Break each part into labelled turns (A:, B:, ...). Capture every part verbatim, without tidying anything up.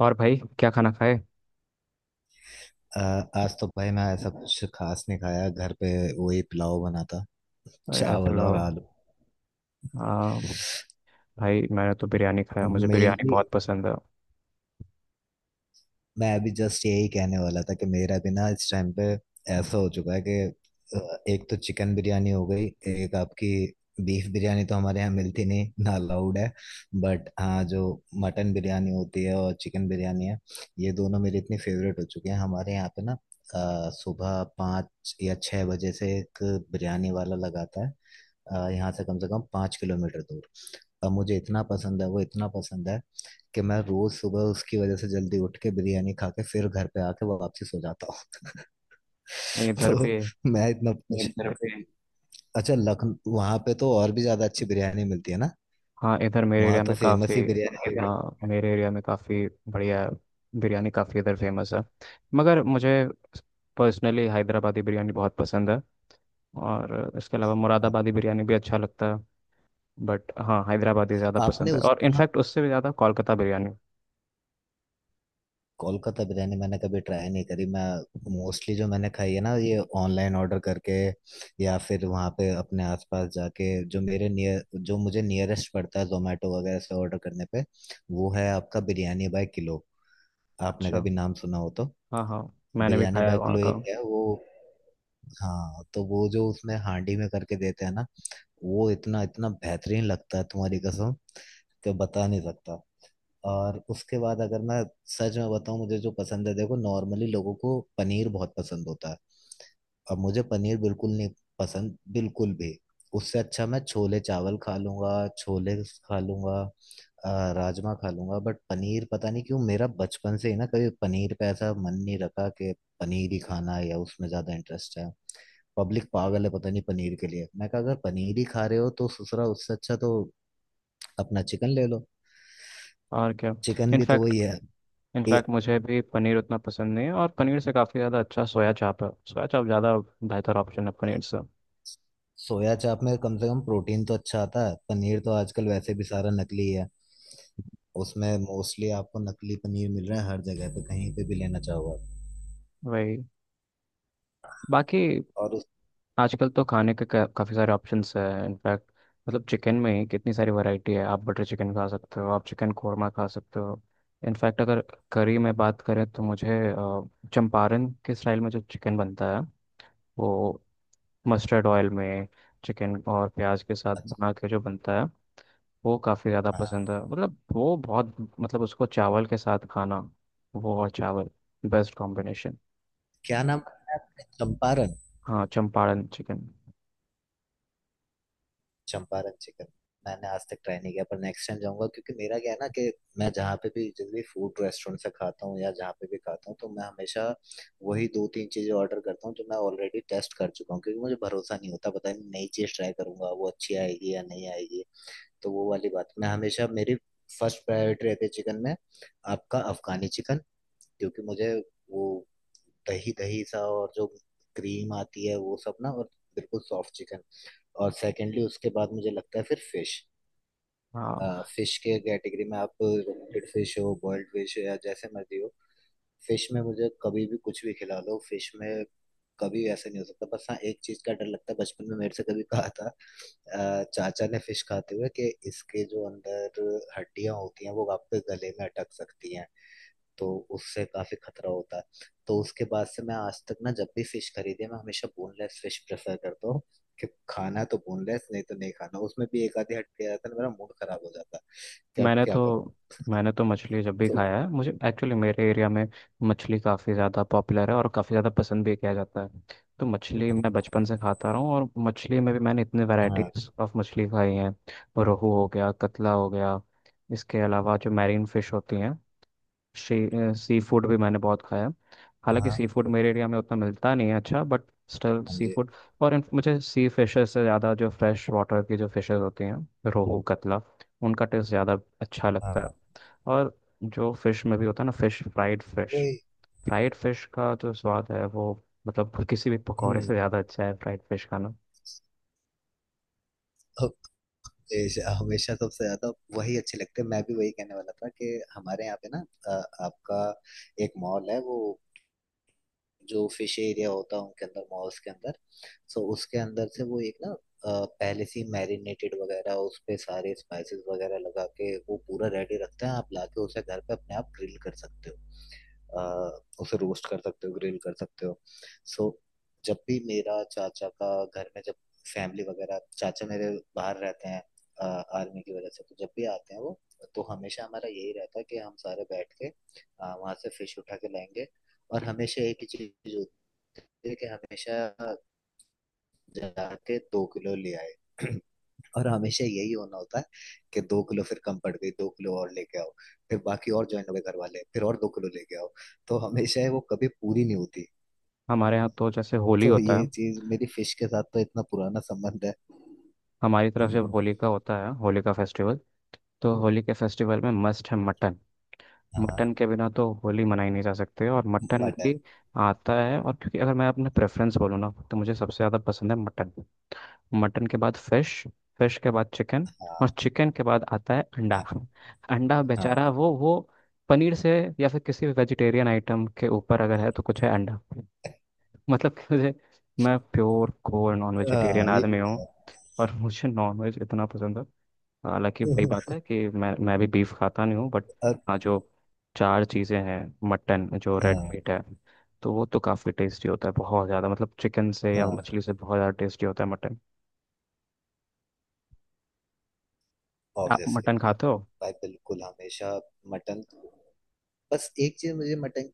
A: और भाई क्या खाना खाए।
B: अ, आज तो भाई मैं ऐसा कुछ खास नहीं खाया घर पे। वही पुलाव बना था।
A: अरे यार
B: चावल और
A: पुलाव।
B: आलू।
A: हाँ। भाई मैंने तो बिरयानी खाया, मुझे बिरयानी
B: मेनली
A: बहुत पसंद
B: मैं अभी जस्ट यही कहने वाला था कि मेरा भी ना इस टाइम पे ऐसा हो चुका है कि अ, एक तो चिकन बिरयानी हो गई एक आपकी बीफ बिरयानी तो हमारे यहाँ मिलती नहीं ना अलाउड है। बट हाँ जो मटन बिरयानी होती है और चिकन बिरयानी है। ये दोनों मेरी इतनी फेवरेट हो चुकी हैं हमारे यहाँ पे ना। अ, सुबह पाँच या छः बजे से एक बिरयानी वाला लगाता है। अ, यहाँ से कम से कम पाँच किलोमीटर दूर। और मुझे इतना पसंद है वो इतना पसंद है कि मैं रोज सुबह उसकी वजह से जल्दी उठ के बिरयानी खा के फिर घर पे आके वापसी सो जाता हूँ।
A: है। इधर
B: तो
A: भी।
B: मैं इतना इधर पे अच्छा लखनऊ वहां पे तो और भी ज्यादा अच्छी बिरयानी मिलती है ना।
A: हाँ, इधर मेरे
B: वहां
A: एरिया
B: तो
A: में काफ़ी।
B: फेमस ही बिरयानी है।
A: हाँ, मेरे एरिया में काफ़ी बढ़िया बिरयानी काफ़ी इधर फेमस है। मगर मुझे पर्सनली हैदराबादी बिरयानी बहुत पसंद है। और इसके अलावा
B: हाँ।
A: मुरादाबादी बिरयानी भी अच्छा लगता है। बट हाँ, हैदराबादी ज़्यादा
B: आपने
A: पसंद है, और
B: उसका
A: इनफैक्ट उससे भी ज़्यादा कोलकाता बिरयानी।
B: कोलकाता बिरयानी मैंने कभी ट्राई नहीं करी। मैं मोस्टली जो मैंने खाई है ना ये ऑनलाइन ऑर्डर करके या फिर वहाँ पे अपने आसपास जाके जो मेरे नियर जो मुझे नियरेस्ट पड़ता है जोमेटो वगैरह से ऑर्डर करने पे वो है आपका बिरयानी बाय किलो। आपने
A: अच्छा।
B: कभी नाम सुना हो तो
A: हाँ, हाँ, मैंने भी
B: बिरयानी
A: खाया है
B: बाय
A: वहाँ
B: किलो
A: का।
B: एक है वो। हाँ तो वो जो उसमें हांडी में करके देते हैं ना वो इतना इतना बेहतरीन लगता है तुम्हारी कसम कि बता नहीं सकता। और उसके बाद अगर मैं सच में बताऊं मुझे जो पसंद है देखो नॉर्मली लोगों को पनीर बहुत पसंद होता है। अब मुझे पनीर बिल्कुल नहीं पसंद बिल्कुल भी। उससे अच्छा मैं छोले चावल खा लूंगा छोले खा लूंगा। अ, राजमा खा लूंगा बट पनीर पता नहीं क्यों मेरा बचपन से ही ना कभी पनीर पे ऐसा मन नहीं रखा कि पनीर ही खाना है या उसमें ज्यादा इंटरेस्ट है। पब्लिक पागल है पता नहीं पनीर के लिए मैं कहा अगर पनीर ही खा रहे हो तो ससुरा उससे अच्छा तो अपना चिकन ले लो।
A: और क्या।
B: चिकन भी तो
A: इनफैक्ट
B: वही है। ए,
A: इनफैक्ट मुझे भी पनीर उतना पसंद नहीं है, और पनीर से काफ़ी ज़्यादा अच्छा सोया चाप है। सोया चाप ज़्यादा बेहतर ऑप्शन है पनीर से।
B: सोया चाप में कम से कम प्रोटीन तो अच्छा आता है पनीर तो आजकल वैसे भी सारा नकली है। उसमें मोस्टली आपको नकली पनीर मिल रहा है हर जगह पे कहीं पे भी लेना चाहो आप।
A: वही। बाकी
B: और उस
A: आजकल तो खाने के काफ़ी सारे ऑप्शंस हैं। इनफैक्ट मतलब चिकन में ही कितनी सारी वैरायटी है, आप बटर चिकन खा सकते हो, आप चिकन कोरमा खा सकते हो। इनफैक्ट अगर करी में बात करें तो मुझे अ, चंपारण के स्टाइल में जो चिकन बनता है, वो मस्टर्ड ऑयल में चिकन और प्याज के साथ
B: अच्छा।
A: बना के जो बनता है, वो काफ़ी ज़्यादा
B: हाँ।
A: पसंद है। मतलब वो बहुत, मतलब उसको चावल के साथ खाना, वो और चावल बेस्ट कॉम्बिनेशन।
B: क्या नाम है आपने? चंपारण
A: हाँ, चंपारण चिकन।
B: चंपारण चिकन। मैंने आज तक ट्राई नहीं किया पर नेक्स्ट टाइम जाऊंगा क्योंकि मेरा क्या है ना कि मैं जहाँ पे भी जिस भी फूड रेस्टोरेंट से खाता हूँ या जहाँ पे भी खाता हूँ तो मैं हमेशा वही दो तीन चीजें ऑर्डर करता हूँ जो मैं ऑलरेडी टेस्ट कर चुका हूँ क्योंकि मुझे भरोसा नहीं होता पता नहीं नई चीज ट्राई करूंगा वो अच्छी आएगी या नहीं आएगी। तो वो वाली बात मैं हमेशा मेरी फर्स्ट प्रायोरिटी रहती है चिकन में आपका अफगानी चिकन क्योंकि मुझे वो दही दही सा और जो क्रीम आती है वो सब ना और बिल्कुल सॉफ्ट चिकन। और सेकेंडली उसके बाद मुझे लगता है फिर फिश।
A: हाँ,
B: फिश के कैटेगरी में आप रोस्टेड फिश हो बॉइल्ड फिश या जैसे मर्जी हो फिश में मुझे कभी भी कुछ भी खिला लो फिश में कभी ऐसा नहीं हो सकता बस हाँ एक चीज का डर लगता है बचपन में मेरे से कभी कहा था अ, चाचा ने फिश खाते हुए कि इसके जो अंदर हड्डियां होती हैं वो आपके गले में अटक सकती हैं। तो उससे काफी खतरा होता है। तो उसके बाद से मैं आज तक ना जब भी फिश खरीदे मैं हमेशा बोनलेस फिश प्रेफर करता हूँ कि खाना तो बोनलेस नहीं तो नहीं खाना उसमें भी एक आधी हड्डी आ जाता है मेरा मूड खराब हो जाता है कि अब
A: मैंने
B: क्या करूँ।
A: तो मैंने तो मछली जब भी
B: तो
A: खाया है, मुझे एक्चुअली मेरे एरिया में मछली काफ़ी ज़्यादा पॉपुलर है और काफ़ी ज़्यादा पसंद भी किया जाता है। तो मछली मैं बचपन से खाता रहा हूँ, और मछली में भी मैंने इतने
B: हाँ,
A: वैरायटीज ऑफ मछली खाई हैं। रोहू हो गया, कतला हो गया। इसके अलावा जो मैरीन फिश होती हैं, शी सी फूड भी मैंने बहुत खाया। हालांकि
B: हाँ,
A: सी फूड मेरे एरिया में उतना मिलता नहीं है अच्छा, बट स्टिल
B: हाँ
A: सी
B: जी,
A: फूड। और इन- मुझे सी फिशेस से ज़्यादा जो फ्रेश वाटर की जो फिशेस होती हैं, रोहू, कतला, उनका टेस्ट ज़्यादा अच्छा लगता है।
B: हाँ
A: और जो फिश में भी होता है ना, फिश फ्राइड फिश,
B: वही।
A: फ्राइड फिश का जो स्वाद है वो, मतलब किसी भी पकौड़े
B: हम्म।
A: से ज़्यादा अच्छा है फ्राइड फिश खाना।
B: देश हमेशा सबसे ज्यादा वही अच्छे लगते हैं मैं भी वही कहने वाला था कि हमारे यहाँ पे ना अ, आपका एक मॉल है वो जो फिश एरिया होता है उनके अंदर मॉल्स के अंदर। सो उसके अंदर से वो एक ना अ, पहले से मैरिनेटेड वगैरह उस पे सारे स्पाइसेस वगैरह लगा के वो पूरा रेडी रखते हैं आप लाके उसे घर पे अपने आप ग्रिल कर सकते हो। अ, उसे रोस्ट कर सकते हो ग्रिल कर सकते हो। सो जब भी मेरा चाचा का घर में जब फैमिली वगैरह चाचा मेरे बाहर रहते हैं आर्मी की वजह से तो जब भी आते हैं वो तो हमेशा हमारा यही रहता है कि हम सारे बैठ के वहां से फिश उठा के लाएंगे। और हमेशा एक ही चीज होती है कि हमेशा जाके दो किलो ले आए और हमेशा यही होना होता है कि दो किलो फिर कम पड़ गई दो किलो और लेके आओ फिर बाकी और ज्वाइन हो गए घर वाले फिर और दो किलो लेके आओ। तो हमेशा है वो कभी पूरी नहीं होती।
A: हमारे यहाँ तो जैसे होली
B: तो
A: होता है,
B: ये चीज मेरी फिश के साथ तो इतना पुराना संबंध है।
A: हमारी तरफ
B: हम्म,
A: जब होली का होता है, होली का फेस्टिवल, तो होली के फेस्टिवल में मस्ट है मटन।
B: हाँ।
A: मटन के बिना तो होली मनाई नहीं जा सकती। और मटन
B: मटन।
A: भी आता है। और क्योंकि अगर मैं अपना प्रेफरेंस बोलूँ ना, तो मुझे सबसे ज़्यादा पसंद है मटन। मटन के बाद फिश, फिश के बाद चिकन, और
B: हाँ,
A: चिकन के बाद आता है अंडा।
B: हाँ,
A: अंडा
B: हाँ,
A: बेचारा वो वो पनीर से, या फिर किसी भी वेजिटेरियन आइटम के ऊपर अगर है तो कुछ है अंडा। मतलब कि मुझे, मैं प्योर कोर नॉन वेजिटेरियन
B: हाँ, ये।
A: आदमी हूँ, और मुझे नॉन वेज इतना पसंद है। हालांकि वही बात है कि मैं मैं भी बीफ खाता नहीं हूँ। बट
B: और
A: हाँ, जो चार चीज़ें हैं, मटन जो रेड
B: हाँ,
A: मीट है, तो वो तो काफ़ी टेस्टी होता है, बहुत ज़्यादा, मतलब चिकन से या
B: हाँ।
A: मछली से बहुत ज़्यादा टेस्टी होता है मटन। आप
B: ऑब्वियसली।
A: मटन खाते हो?
B: भाई बिल्कुल हमेशा मटन। बस एक चीज मुझे मटन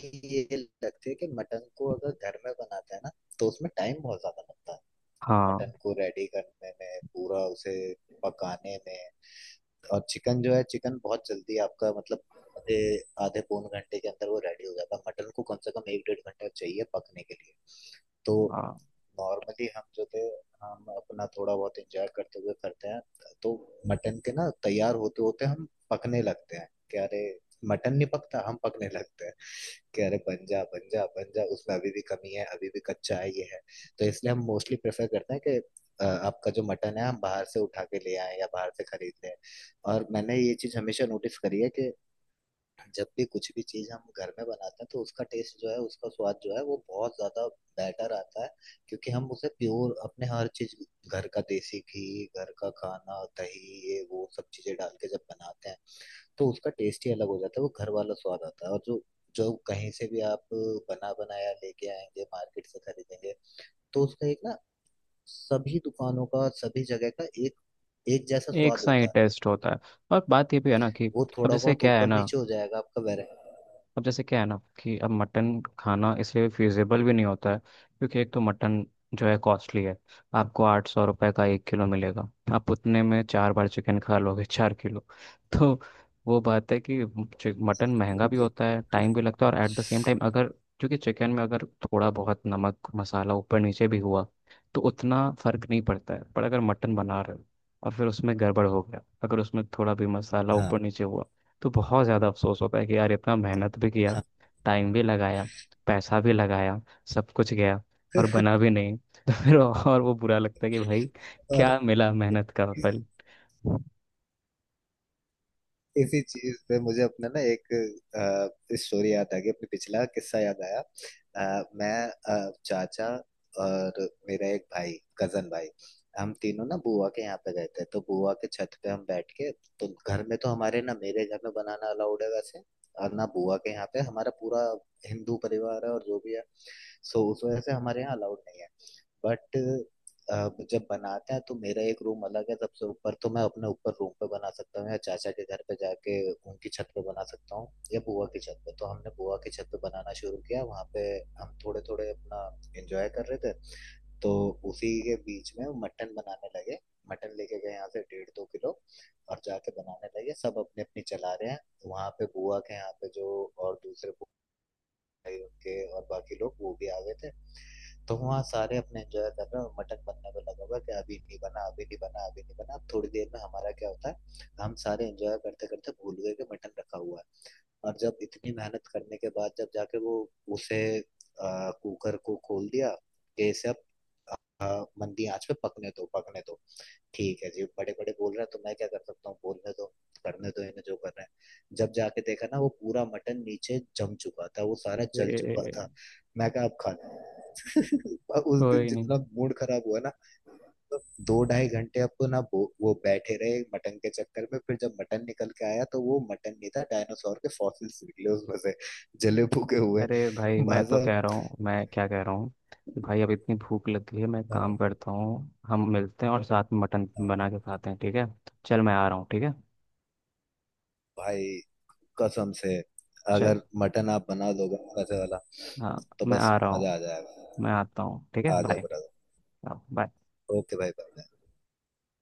B: की ये लगती है कि मटन को अगर घर में बनाते हैं ना तो उसमें टाइम बहुत ज्यादा लगता है।
A: हाँ
B: मटन को रेडी करने में पूरा उसे पकाने में और चिकन जो है चिकन बहुत जल्दी आपका मतलब आधे आधे पौन घंटे के अंदर वो रेडी हो जाता है। मटन को कम से कम एक डेढ़ घंटा चाहिए पकने के लिए। तो
A: हाँ।
B: नॉर्मली हम जो थे हम अपना थोड़ा बहुत एंजॉय करते हुए करते हैं। तो मटन के ना तैयार होते होते हम पकने लगते हैं कि अरे मटन नहीं पकता हम पकने लगते हैं कि अरे बन जा बन जा बन जा उसमें अभी भी कमी है अभी भी कच्चा है ये है। तो इसलिए हम मोस्टली प्रेफर करते हैं कि अ, आपका जो मटन है हम बाहर से उठा के ले आए या बाहर से खरीद लें। और मैंने ये चीज हमेशा नोटिस करी है कि जब भी कुछ भी चीज़ हम घर में बनाते हैं तो उसका टेस्ट जो है उसका स्वाद जो है वो बहुत ज़्यादा बेटर आता है क्योंकि हम उसे प्योर अपने हर चीज़ घर का देसी घी घर का खाना दही ये वो सब चीज़ें डाल के जब बनाते हैं तो उसका टेस्ट ही अलग हो जाता है वो घर वाला स्वाद आता है। और जो जो कहीं से भी आप बना बनाया लेके आएंगे मार्केट से खरीदेंगे तो उसका एक ना सभी दुकानों का सभी जगह का एक एक जैसा
A: एक
B: स्वाद
A: सा ही
B: होता है।
A: टेस्ट होता है, और बात ये भी है ना कि,
B: वो
A: अब
B: थोड़ा
A: जैसे
B: बहुत
A: क्या है
B: ऊपर
A: ना,
B: नीचे हो जाएगा आपका वेरा।
A: अब जैसे क्या है ना कि अब मटन खाना इसलिए फिजिबल भी नहीं होता है, क्योंकि एक तो मटन जो है कॉस्टली है। आपको आठ सौ रुपये का एक किलो मिलेगा, आप उतने में चार बार चिकन खा लोगे, चार किलो। तो वो बात है कि चि- मटन महंगा भी होता है, टाइम भी लगता है। और एट द सेम टाइम अगर, क्योंकि चिकन में अगर थोड़ा बहुत नमक मसाला ऊपर नीचे भी हुआ तो उतना फर्क नहीं पड़ता है, पर अगर मटन बना रहे हो और फिर उसमें गड़बड़ हो गया, अगर उसमें थोड़ा भी मसाला
B: हाँ,
A: ऊपर नीचे हुआ तो बहुत ज़्यादा अफसोस होता है कि यार इतना मेहनत भी किया,
B: हाँ।
A: टाइम भी लगाया, पैसा भी लगाया, सब कुछ गया, और बना भी नहीं। तो फिर और वो बुरा लगता है कि भाई
B: और
A: क्या मिला मेहनत का फल।
B: इसी चीज पे मुझे अपना ना एक अ, स्टोरी याद आ गई अपने पिछला किस्सा याद आया। अ, मैं अ, चाचा और मेरा एक भाई कजन भाई हम तीनों ना बुआ के यहाँ पे गए थे तो बुआ के छत पे हम बैठ के तो घर में तो हमारे ना मेरे घर में बनाना अलाउड है वैसे। और ना बुआ के यहाँ पे हमारा पूरा हिंदू परिवार है और जो भी है। सो उस वजह से हमारे यहाँ अलाउड नहीं है बट अ, जब बनाते हैं तो मेरा एक रूम अलग है सबसे ऊपर तो मैं अपने ऊपर रूम पे बना सकता हूँ या चाचा के घर पे जाके उनकी छत पे बना सकता हूँ या बुआ की छत पे। तो हमने बुआ की छत पे बनाना शुरू किया वहाँ पे हम थोड़े थोड़े अपना एंजॉय कर रहे थे। तो उसी के बीच में मटन बनाने लगे। मटन लेके गए यहाँ से डेढ़ दो किलो और जाके बनाने लगे सब अपने अपनी चला रहे हैं वहां पे बुआ के यहाँ पे जो और दूसरे भाई उनके और बाकी लोग वो भी आ गए थे। तो वहाँ सारे अपने एंजॉय कर रहे हैं और मटन बनने में लगा हुआ है कि अभी नहीं बना अभी नहीं बना अभी नहीं बना। अब थोड़ी देर में हमारा क्या होता है हम सारे एंजॉय करते करते भूल गए कि मटन रखा हुआ है। और जब इतनी मेहनत करने के बाद जब जाके वो उसे आ, कुकर को खोल दिया कि इसे अब आ, मंदी आंच पे पकने दो पकने दो। ठीक है जी बड़े बड़े बोल रहा है तो मैं क्या कर सकता हूँ बोलने दो करने दो इन्हें जो कर रहे हैं। जब जाके देखा ना वो पूरा मटन नीचे जम चुका था वो सारा जल चुका था।
A: ए,
B: मैं कहा अब खा लो। उस दिन
A: कोई नहीं।
B: जितना मूड खराब हुआ ना। तो दो ढाई घंटे अब तो ना वो वो बैठे रहे मटन के चक्कर में फिर जब मटन निकल के आया तो वो मटन नहीं था डायनासोर के फॉसिल्स निकले उसमें से जले फूके हुए।
A: अरे भाई, मैं
B: भाई
A: तो
B: साहब,
A: कह रहा हूँ, मैं क्या कह रहा हूँ कि भाई अब इतनी भूख लग गई है, मैं
B: अ,
A: काम करता हूँ, हम मिलते हैं और साथ में मटन
B: अ,
A: बना के खाते हैं, ठीक है। चल मैं आ रहा हूँ, ठीक है।
B: भाई कसम से
A: चल।
B: अगर मटन आप बना दोगे ना वैसे वाला
A: हाँ,
B: तो
A: मैं
B: बस
A: आ रहा
B: मजा
A: हूँ।
B: आ
A: मैं
B: जाएगा।
A: आता हूँ, ठीक है,
B: आ जाओ
A: बाय।
B: ब्रदर।
A: हाँ, बाय।
B: ओके भाई बाय।